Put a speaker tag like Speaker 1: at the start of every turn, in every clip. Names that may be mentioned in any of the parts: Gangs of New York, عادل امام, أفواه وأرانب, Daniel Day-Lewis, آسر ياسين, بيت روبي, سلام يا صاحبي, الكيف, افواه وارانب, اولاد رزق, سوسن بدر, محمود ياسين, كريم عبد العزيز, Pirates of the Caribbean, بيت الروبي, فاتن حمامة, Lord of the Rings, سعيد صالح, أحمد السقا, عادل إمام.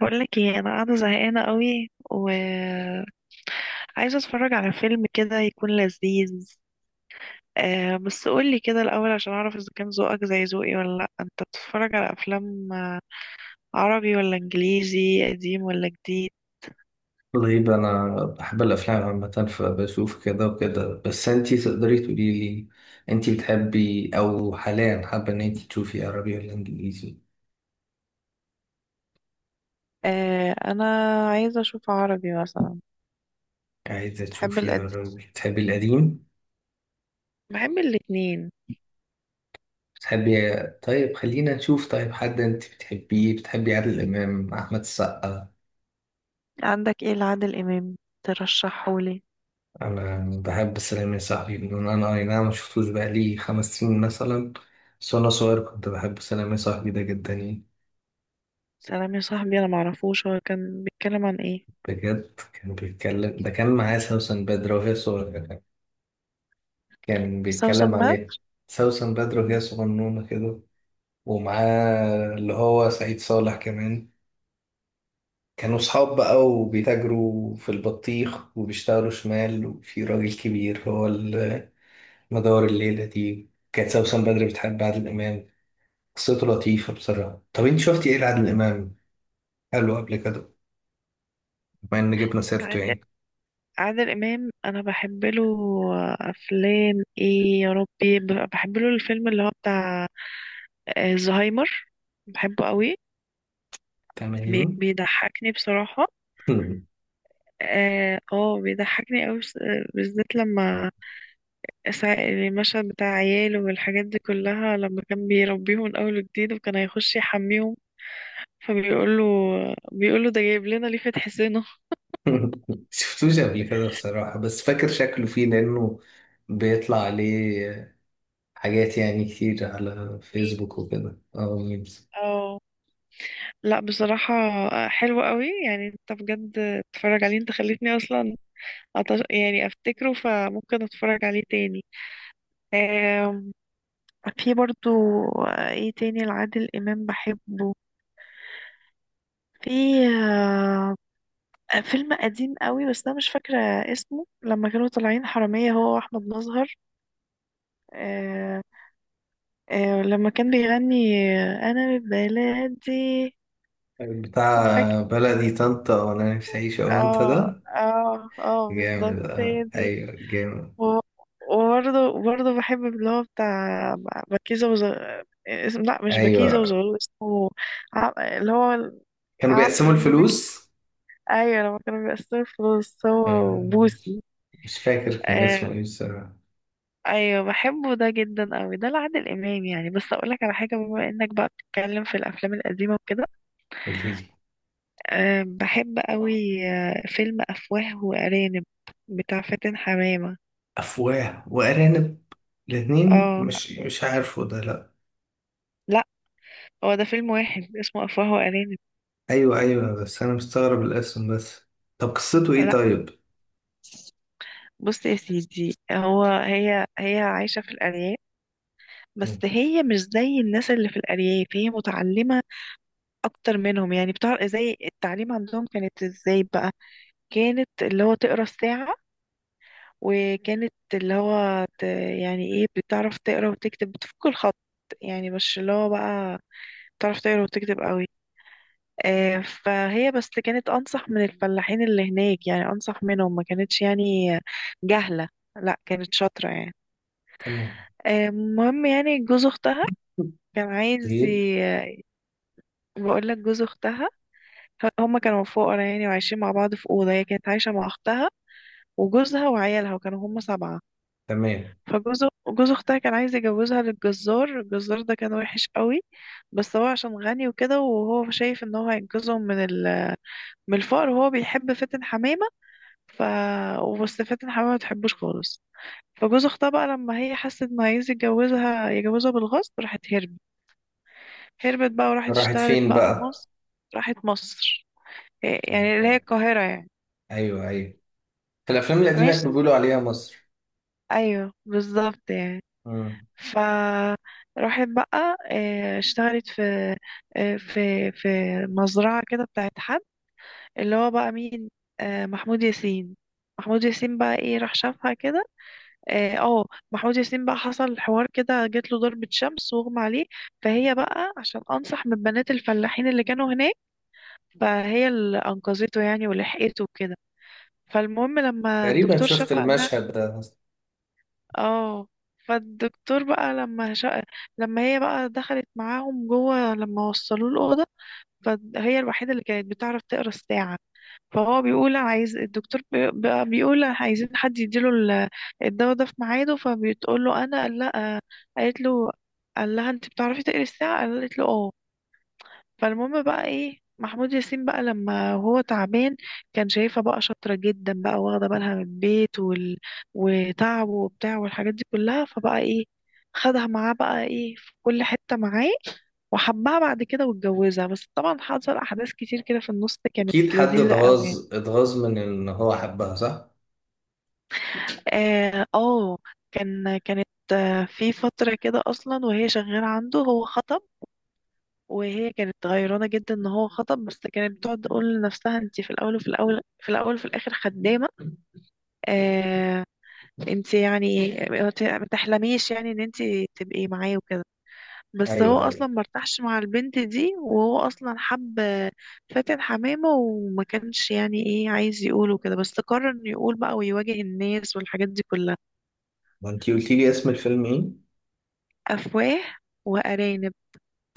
Speaker 1: بقول لك ايه، انا قاعده زهقانه قوي و عايزه اتفرج على فيلم كده يكون لذيذ. آه، بس قول لي كده الاول عشان اعرف اذا كان ذوقك زي ذوقي ولا لا. انت بتتفرج على افلام عربي ولا انجليزي، قديم ولا جديد؟
Speaker 2: طيب، أنا بحب الأفلام عامة فبشوف كده وكده، بس أنتي تقدري تقولي لي أنتي بتحبي أو حاليا حابة إن أنتي تشوفي عربي ولا إنجليزي؟
Speaker 1: آه، انا عايزه اشوف عربي مثلا.
Speaker 2: عايزة
Speaker 1: بحب
Speaker 2: تشوفي
Speaker 1: القديم،
Speaker 2: عربي، بتحبي القديم؟
Speaker 1: بحب الاتنين.
Speaker 2: بتحبي طيب خلينا نشوف. طيب حد أنتي بتحبيه؟ بتحبي عادل إمام، أحمد السقا؟
Speaker 1: عندك ايه لعادل امام ترشحهولي؟
Speaker 2: أنا بحب سلام يا صاحبي. بدون أنا، أي نعم مشفتوش بقالي 5 سنين مثلا، بس وأنا صغير كنت بحب سلام يا صاحبي ده جدا يعني.
Speaker 1: سلام يا صاحبي، انا معرفوش هو كان بيتكلم عن ايه.
Speaker 2: بجد كان بيتكلم، ده كان معاه سوسن بدر وهي صغيرة. كان
Speaker 1: بس هو
Speaker 2: بيتكلم عن ايه؟ سوسن بدر
Speaker 1: سماع.
Speaker 2: وهي صغنونة كده، ومعاه اللي هو سعيد صالح كمان. كانوا صحاب بقى، وبيتاجروا في البطيخ وبيشتغلوا شمال، وفي راجل كبير هو. مدار الليلة دي كانت سوسن بدر بتحب عادل إمام. قصته لطيفة بصراحة. طب انت شفتي ايه لعادل إمام؟ قالوا قبل كده، بما ان جبنا سيرته يعني.
Speaker 1: عادل امام انا بحب له افلام ايه يا ربي، بحب له الفيلم اللي هو بتاع الزهايمر. بحبه قوي،
Speaker 2: تمام.
Speaker 1: بيضحكني بصراحة. اه، بيضحكني قوي، بالذات لما المشهد بتاع عياله والحاجات دي كلها، لما كان بيربيهم من اول وجديد وكان هيخش يحميهم، فبيقول له، بيقول له ده جايب لنا ليه فتح سنه.
Speaker 2: شفتوش قبل كده بصراحة، بس فاكر شكله فيه، لأنه بيطلع عليه حاجات يعني كتير على فيسبوك
Speaker 1: ميمز،
Speaker 2: وكده، ميمز.
Speaker 1: اه. لا بصراحة، حلو قوي يعني. انت بجد اتفرج عليه، انت خليتني اصلا يعني افتكره فممكن اتفرج عليه تاني. آم، في برضو ايه تاني لعادل امام بحبه؟ في آه، فيلم قديم قوي بس انا مش فاكرة اسمه، لما كانوا طالعين حرامية هو واحمد مظهر. آه، لما كان بيغني انا من بلادي. فاكر.
Speaker 2: بتاع بلدي طنطا وأنا نفسي أعيش، أه أنت
Speaker 1: اه
Speaker 2: ده.
Speaker 1: اه، اه بالظبط
Speaker 2: جامد،
Speaker 1: هي
Speaker 2: اه،
Speaker 1: دي.
Speaker 2: أيوه جامد.
Speaker 1: و- وبرضه برضه بحب اللي هو بتاع بكيزة وز. اسم، لا، مش بكيزة
Speaker 2: أيوه
Speaker 1: وزغلول اسمه. اللي هو
Speaker 2: كانوا بيقسموا
Speaker 1: لما بيطلع.
Speaker 2: الفلوس.
Speaker 1: أيوة، لما كانوا بيقسموا الفلوس هو
Speaker 2: آه،
Speaker 1: وبوسي.
Speaker 2: مش فاكر كان
Speaker 1: آه...
Speaker 2: اسمه إيه بصراحة.
Speaker 1: أيوة بحبه ده جدا أوي، ده لعادل إمام يعني. بس أقولك على حاجة، بما إنك بقى بتتكلم في الأفلام القديمة وكده،
Speaker 2: قوليلي.
Speaker 1: بحب أوي فيلم أفواه وأرانب بتاع فاتن حمامة.
Speaker 2: أفواه وأرانب؟ الاتنين،
Speaker 1: اه،
Speaker 2: مش عارفه ده، لأ.
Speaker 1: لا، هو ده فيلم واحد اسمه أفواه وأرانب.
Speaker 2: ايوه ايوه، بس انا مستغرب الاسم بس. طب قصته ايه
Speaker 1: لا
Speaker 2: طيب؟
Speaker 1: بص يا سيدي، هو هي هي عايشة في الأرياف، بس
Speaker 2: مم.
Speaker 1: هي مش زي الناس اللي في الأرياف، هي متعلمة أكتر منهم. يعني بتعرف زي التعليم عندهم كانت ازاي بقى، كانت اللي هو تقرا الساعة، وكانت اللي هو يعني ايه، بتعرف تقرا وتكتب، بتفك الخط يعني، مش اللي هو بقى بتعرف تقرا وتكتب قوي. فهي بس كانت أنصح من الفلاحين اللي هناك، يعني أنصح منهم، ما كانتش يعني جهلة، لا كانت شاطرة يعني.
Speaker 2: تمام.
Speaker 1: المهم يعني، جوز اختها كان عايز
Speaker 2: ايه.
Speaker 1: بقول لك، جوز اختها هما كانوا فقراء يعني، وعايشين مع بعض في اوضه، هي كانت عايشه مع اختها وجوزها وعيالها وكانوا هما سبعه.
Speaker 2: تمام.
Speaker 1: فجوز جوز اختها كان عايز يجوزها للجزار، الجزار ده كان وحش قوي، بس هو عشان غني وكده، وهو شايف ان هو هينقذهم من من الفقر، وهو بيحب فاتن حمامه. ف بس فاتن حمامه ما تحبوش خالص. فجوز اختها بقى لما هي حست انه عايز يتجوزها يجوزها بالغصب، راحت هربت، هربت بقى وراحت
Speaker 2: راحت
Speaker 1: اشتغلت
Speaker 2: فين
Speaker 1: بقى في
Speaker 2: بقى؟
Speaker 1: مصر. راحت مصر، إيه
Speaker 2: تمام.
Speaker 1: يعني اللي هي القاهرة يعني.
Speaker 2: ايوه ايوه، في الافلام القديمه كانوا
Speaker 1: ماشي،
Speaker 2: بيقولوا عليها مصر.
Speaker 1: ايوه بالظبط يعني.
Speaker 2: مم.
Speaker 1: ف راحت بقى، اشتغلت في في مزرعة كده بتاعت حد. اللي هو بقى مين؟ محمود ياسين. محمود ياسين بقى ايه، راح شافها كده. اه آه، محمود ياسين بقى حصل حوار كده، جات له ضربة شمس واغمى عليه. فهي بقى عشان انصح من بنات الفلاحين اللي كانوا هناك، فهي اللي انقذته يعني ولحقته كده. فالمهم لما
Speaker 2: تقريبا
Speaker 1: الدكتور
Speaker 2: شفت
Speaker 1: شافها قال لها
Speaker 2: المشهد ده.
Speaker 1: اه فالدكتور بقى لما لما هي بقى دخلت معاهم جوه، لما وصلوه الأوضة، فهي الوحيدة اللي كانت بتعرف تقرا الساعة. فهو بيقول عايز الدكتور بقى بيقول عايزين حد يديله الدواء ده في ميعاده، فبتقول له انا، قال لا، قالت له، قال لها انت بتعرفي تقري الساعة؟ قالت له اه. فالمهم بقى ايه، محمود ياسين بقى لما هو تعبان كان شايفها بقى شاطرة جدا، بقى واخدة بالها من البيت وتعبه وبتاع والحاجات دي كلها، فبقى ايه، خدها معاه بقى ايه في كل حتة معاه، وحبها بعد كده واتجوزها، بس طبعا حصل احداث كتير كده في النص كانت
Speaker 2: اكيد حد
Speaker 1: لذيذة قوي يعني.
Speaker 2: اتغاظ، اتغاظ من ان هو حبها، صح؟
Speaker 1: اه آه، كانت في فترة كده اصلا وهي شغالة عنده هو خطأ، وهي كانت غيرانة جدا ان هو خطب، بس كانت بتقعد تقول لنفسها انت في الاول، وفي الاول، في الاول، وفي الاخر خدامة. آه انت يعني ما تحلميش يعني ان انت تبقي معاه وكده. بس هو
Speaker 2: ايوه
Speaker 1: اصلا
Speaker 2: ايوه.
Speaker 1: مرتاحش مع البنت دي، وهو اصلا حب فاتن حمامة، وما كانش يعني ايه عايز يقوله كده، بس قرر انه يقول بقى ويواجه الناس والحاجات دي كلها.
Speaker 2: ما انتي قلتي لي اسم الفيلم ايه؟
Speaker 1: افواه وارانب.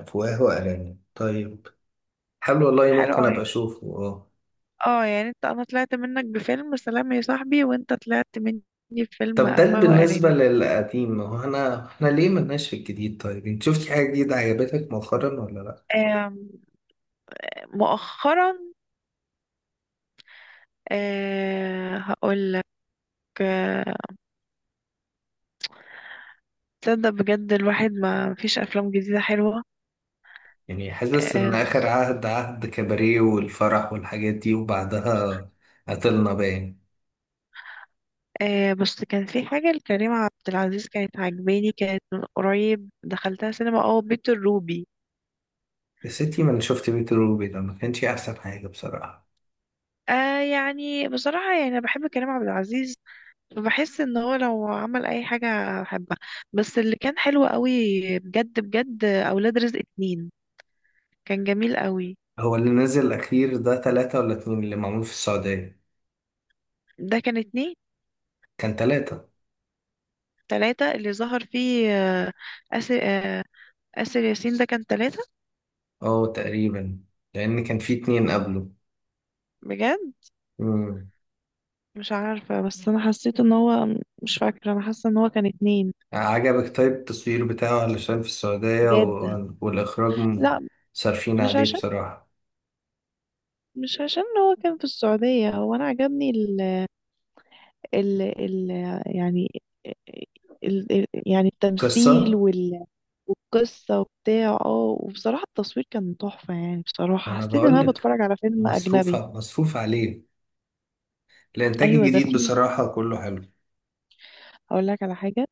Speaker 2: افواه وارانب، طيب. حلو والله،
Speaker 1: حلو
Speaker 2: ممكن
Speaker 1: قوي.
Speaker 2: ابقى اشوفه، اه.
Speaker 1: اه، يعني انت انا طلعت منك بفيلم سلام يا صاحبي وانت طلعت مني بفيلم
Speaker 2: طب ده
Speaker 1: افواه
Speaker 2: بالنسبة
Speaker 1: وارانب.
Speaker 2: للقديم، هو احنا ليه ملناش في الجديد؟ طيب انت شفتي حاجة جديدة عجبتك مؤخرا ولا لا؟
Speaker 1: آم، مؤخرا؟ هقول لك، آه، تصدق بجد، الواحد ما فيش افلام جديده حلوه.
Speaker 2: يعني حاسس ان
Speaker 1: أه
Speaker 2: اخر
Speaker 1: بس
Speaker 2: عهد كباريه والفرح والحاجات دي، وبعدها قتلنا باين.
Speaker 1: أه بس كان في حاجه لكريم عبد العزيز كانت عجباني، كانت من قريب دخلتها سينما، بيت الروبي.
Speaker 2: بس انتي من شفت بيت روبي ده ما كانش احسن حاجة بصراحة.
Speaker 1: يعني بصراحه يعني، انا بحب كريم عبد العزيز، بحس ان هو لو عمل اي حاجة احبها، بس اللي كان حلو قوي بجد بجد اولاد رزق اتنين، كان جميل قوي.
Speaker 2: هو اللي نزل الاخير ده تلاتة ولا اتنين اللي معمول في السعودية؟
Speaker 1: ده كان اتنين.
Speaker 2: كان تلاتة.
Speaker 1: تلاتة اللي ظهر فيه آسر آه، آسر ياسين ده كان تلاتة.
Speaker 2: اه تقريبا، لان كان في اتنين قبله.
Speaker 1: بجد مش عارفة، بس انا حسيت ان هو، مش فاكرة، انا حاسة ان هو كان اتنين.
Speaker 2: يعني عجبك؟ طيب التصوير بتاعه علشان في السعودية
Speaker 1: بجد
Speaker 2: والإخراج.
Speaker 1: لا،
Speaker 2: صارفين
Speaker 1: مش
Speaker 2: عليه
Speaker 1: عشان
Speaker 2: بصراحة.
Speaker 1: مش عشان هو كان في السعودية، هو انا عجبني ال ال ال يعني ال ال يعني التمثيل
Speaker 2: قصة.
Speaker 1: والقصة وبتاع، وبصراحة التصوير كان تحفة يعني.
Speaker 2: ما
Speaker 1: بصراحة
Speaker 2: أنا
Speaker 1: حسيت ان انا
Speaker 2: بقولك،
Speaker 1: بتفرج على فيلم
Speaker 2: مصروف
Speaker 1: اجنبي.
Speaker 2: مصروف عليه. الإنتاج
Speaker 1: ايوه ده
Speaker 2: الجديد
Speaker 1: فيه،
Speaker 2: بصراحة كله حلو.
Speaker 1: هقول لك على حاجة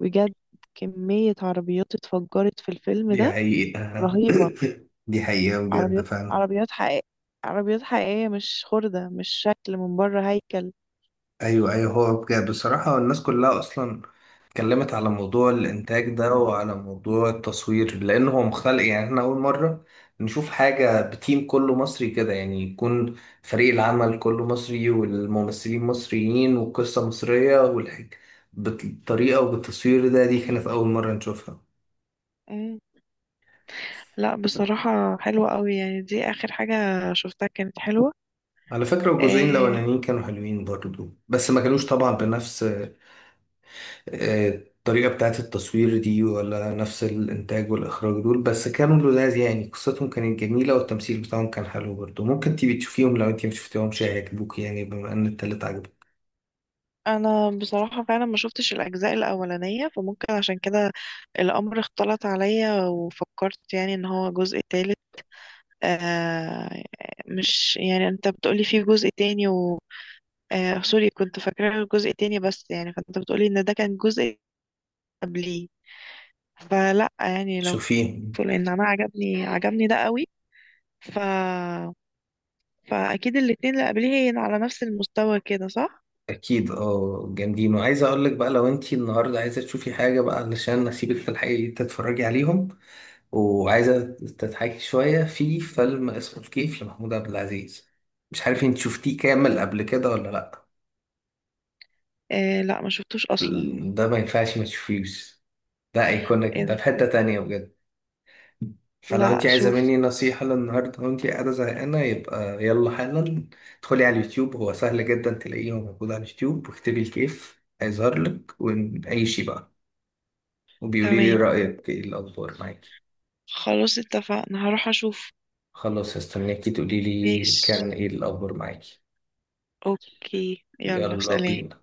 Speaker 1: بجد، كمية عربيات اتفجرت في الفيلم
Speaker 2: دي
Speaker 1: ده
Speaker 2: حقيقة.
Speaker 1: رهيبة.
Speaker 2: دي حقيقة بجد.
Speaker 1: عربيات حقيقية، عربيات حقيقية، مش خردة، مش شكل من بره هيكل.
Speaker 2: ايوه ايوه، هو بجد بصراحة الناس كلها اصلا اتكلمت على موضوع الانتاج ده وعلى موضوع التصوير، لان هو مختلف. يعني احنا اول مرة نشوف حاجة بتيم كله مصري كده، يعني يكون فريق العمل كله مصري والممثلين مصريين والقصة مصرية والحاجة بالطريقة وبالتصوير ده، دي كانت اول مرة نشوفها.
Speaker 1: مم. لا بصراحة حلوة قوي يعني، دي اخر حاجة شفتها كانت حلوة.
Speaker 2: على فكرة الجزئين
Speaker 1: آه،
Speaker 2: الاولانيين كانوا حلوين برضو، بس ما كانوش طبعا بنفس الطريقة بتاعت التصوير دي، ولا نفس الإنتاج والإخراج دول، بس كانوا لذاذ يعني، قصتهم كانت جميلة والتمثيل بتاعهم كان حلو برضه. ممكن تيجي تشوفيهم لو أنت مشفتيهمش، هيعجبوك يعني، بما إن التالت عجبك.
Speaker 1: انا بصراحة فعلا ما شفتش الاجزاء الاولانية، فممكن عشان كده الامر اختلط عليا، وفكرت يعني ان هو جزء تالت. آه مش يعني انت بتقولي فيه جزء تاني، سوري، كنت فاكرة الجزء تاني بس، يعني فانت بتقولي ان ده كان جزء قبليه. فلا يعني، لو
Speaker 2: شوفيهم،
Speaker 1: لان انا عجبني ده قوي. ف فاكيد الاتنين اللي قبليه هي على نفس المستوى كده صح؟
Speaker 2: أكيد أه جامدين. وعايز أقولك بقى، لو أنت النهاردة عايزة تشوفي حاجة بقى علشان نسيبك في الحقيقة تتفرجي عليهم، وعايزة تضحكي شوية، في فيلم اسمه الكيف لمحمود عبد العزيز. مش عارف أنت شفتيه كامل قبل كده ولا لأ؟
Speaker 1: لا ما شفتوش اصلا.
Speaker 2: ده ما ينفعش ما تشوفيهوش، ده ايكونيك، ده في
Speaker 1: إيه-
Speaker 2: حتة تانية بجد. فلو انت
Speaker 1: لا
Speaker 2: عايزة
Speaker 1: شوف،
Speaker 2: مني نصيحة للنهاردة وانت قاعدة زهقانة، يبقى يلا حالا ادخلي على اليوتيوب، هو سهل جدا تلاقيه موجود على اليوتيوب، واكتبي الكيف هيظهر لك ونعيشي بقى. وبيقولي لي
Speaker 1: تمام،
Speaker 2: رأيك ايه الأخبار معاكي.
Speaker 1: خلاص اتفقنا، هروح اشوف.
Speaker 2: خلاص، هستناكي تقولي لي
Speaker 1: ماشي،
Speaker 2: كان ايه الأخبار معاكي.
Speaker 1: اوكي، يلا
Speaker 2: يلا
Speaker 1: سلام.
Speaker 2: بينا.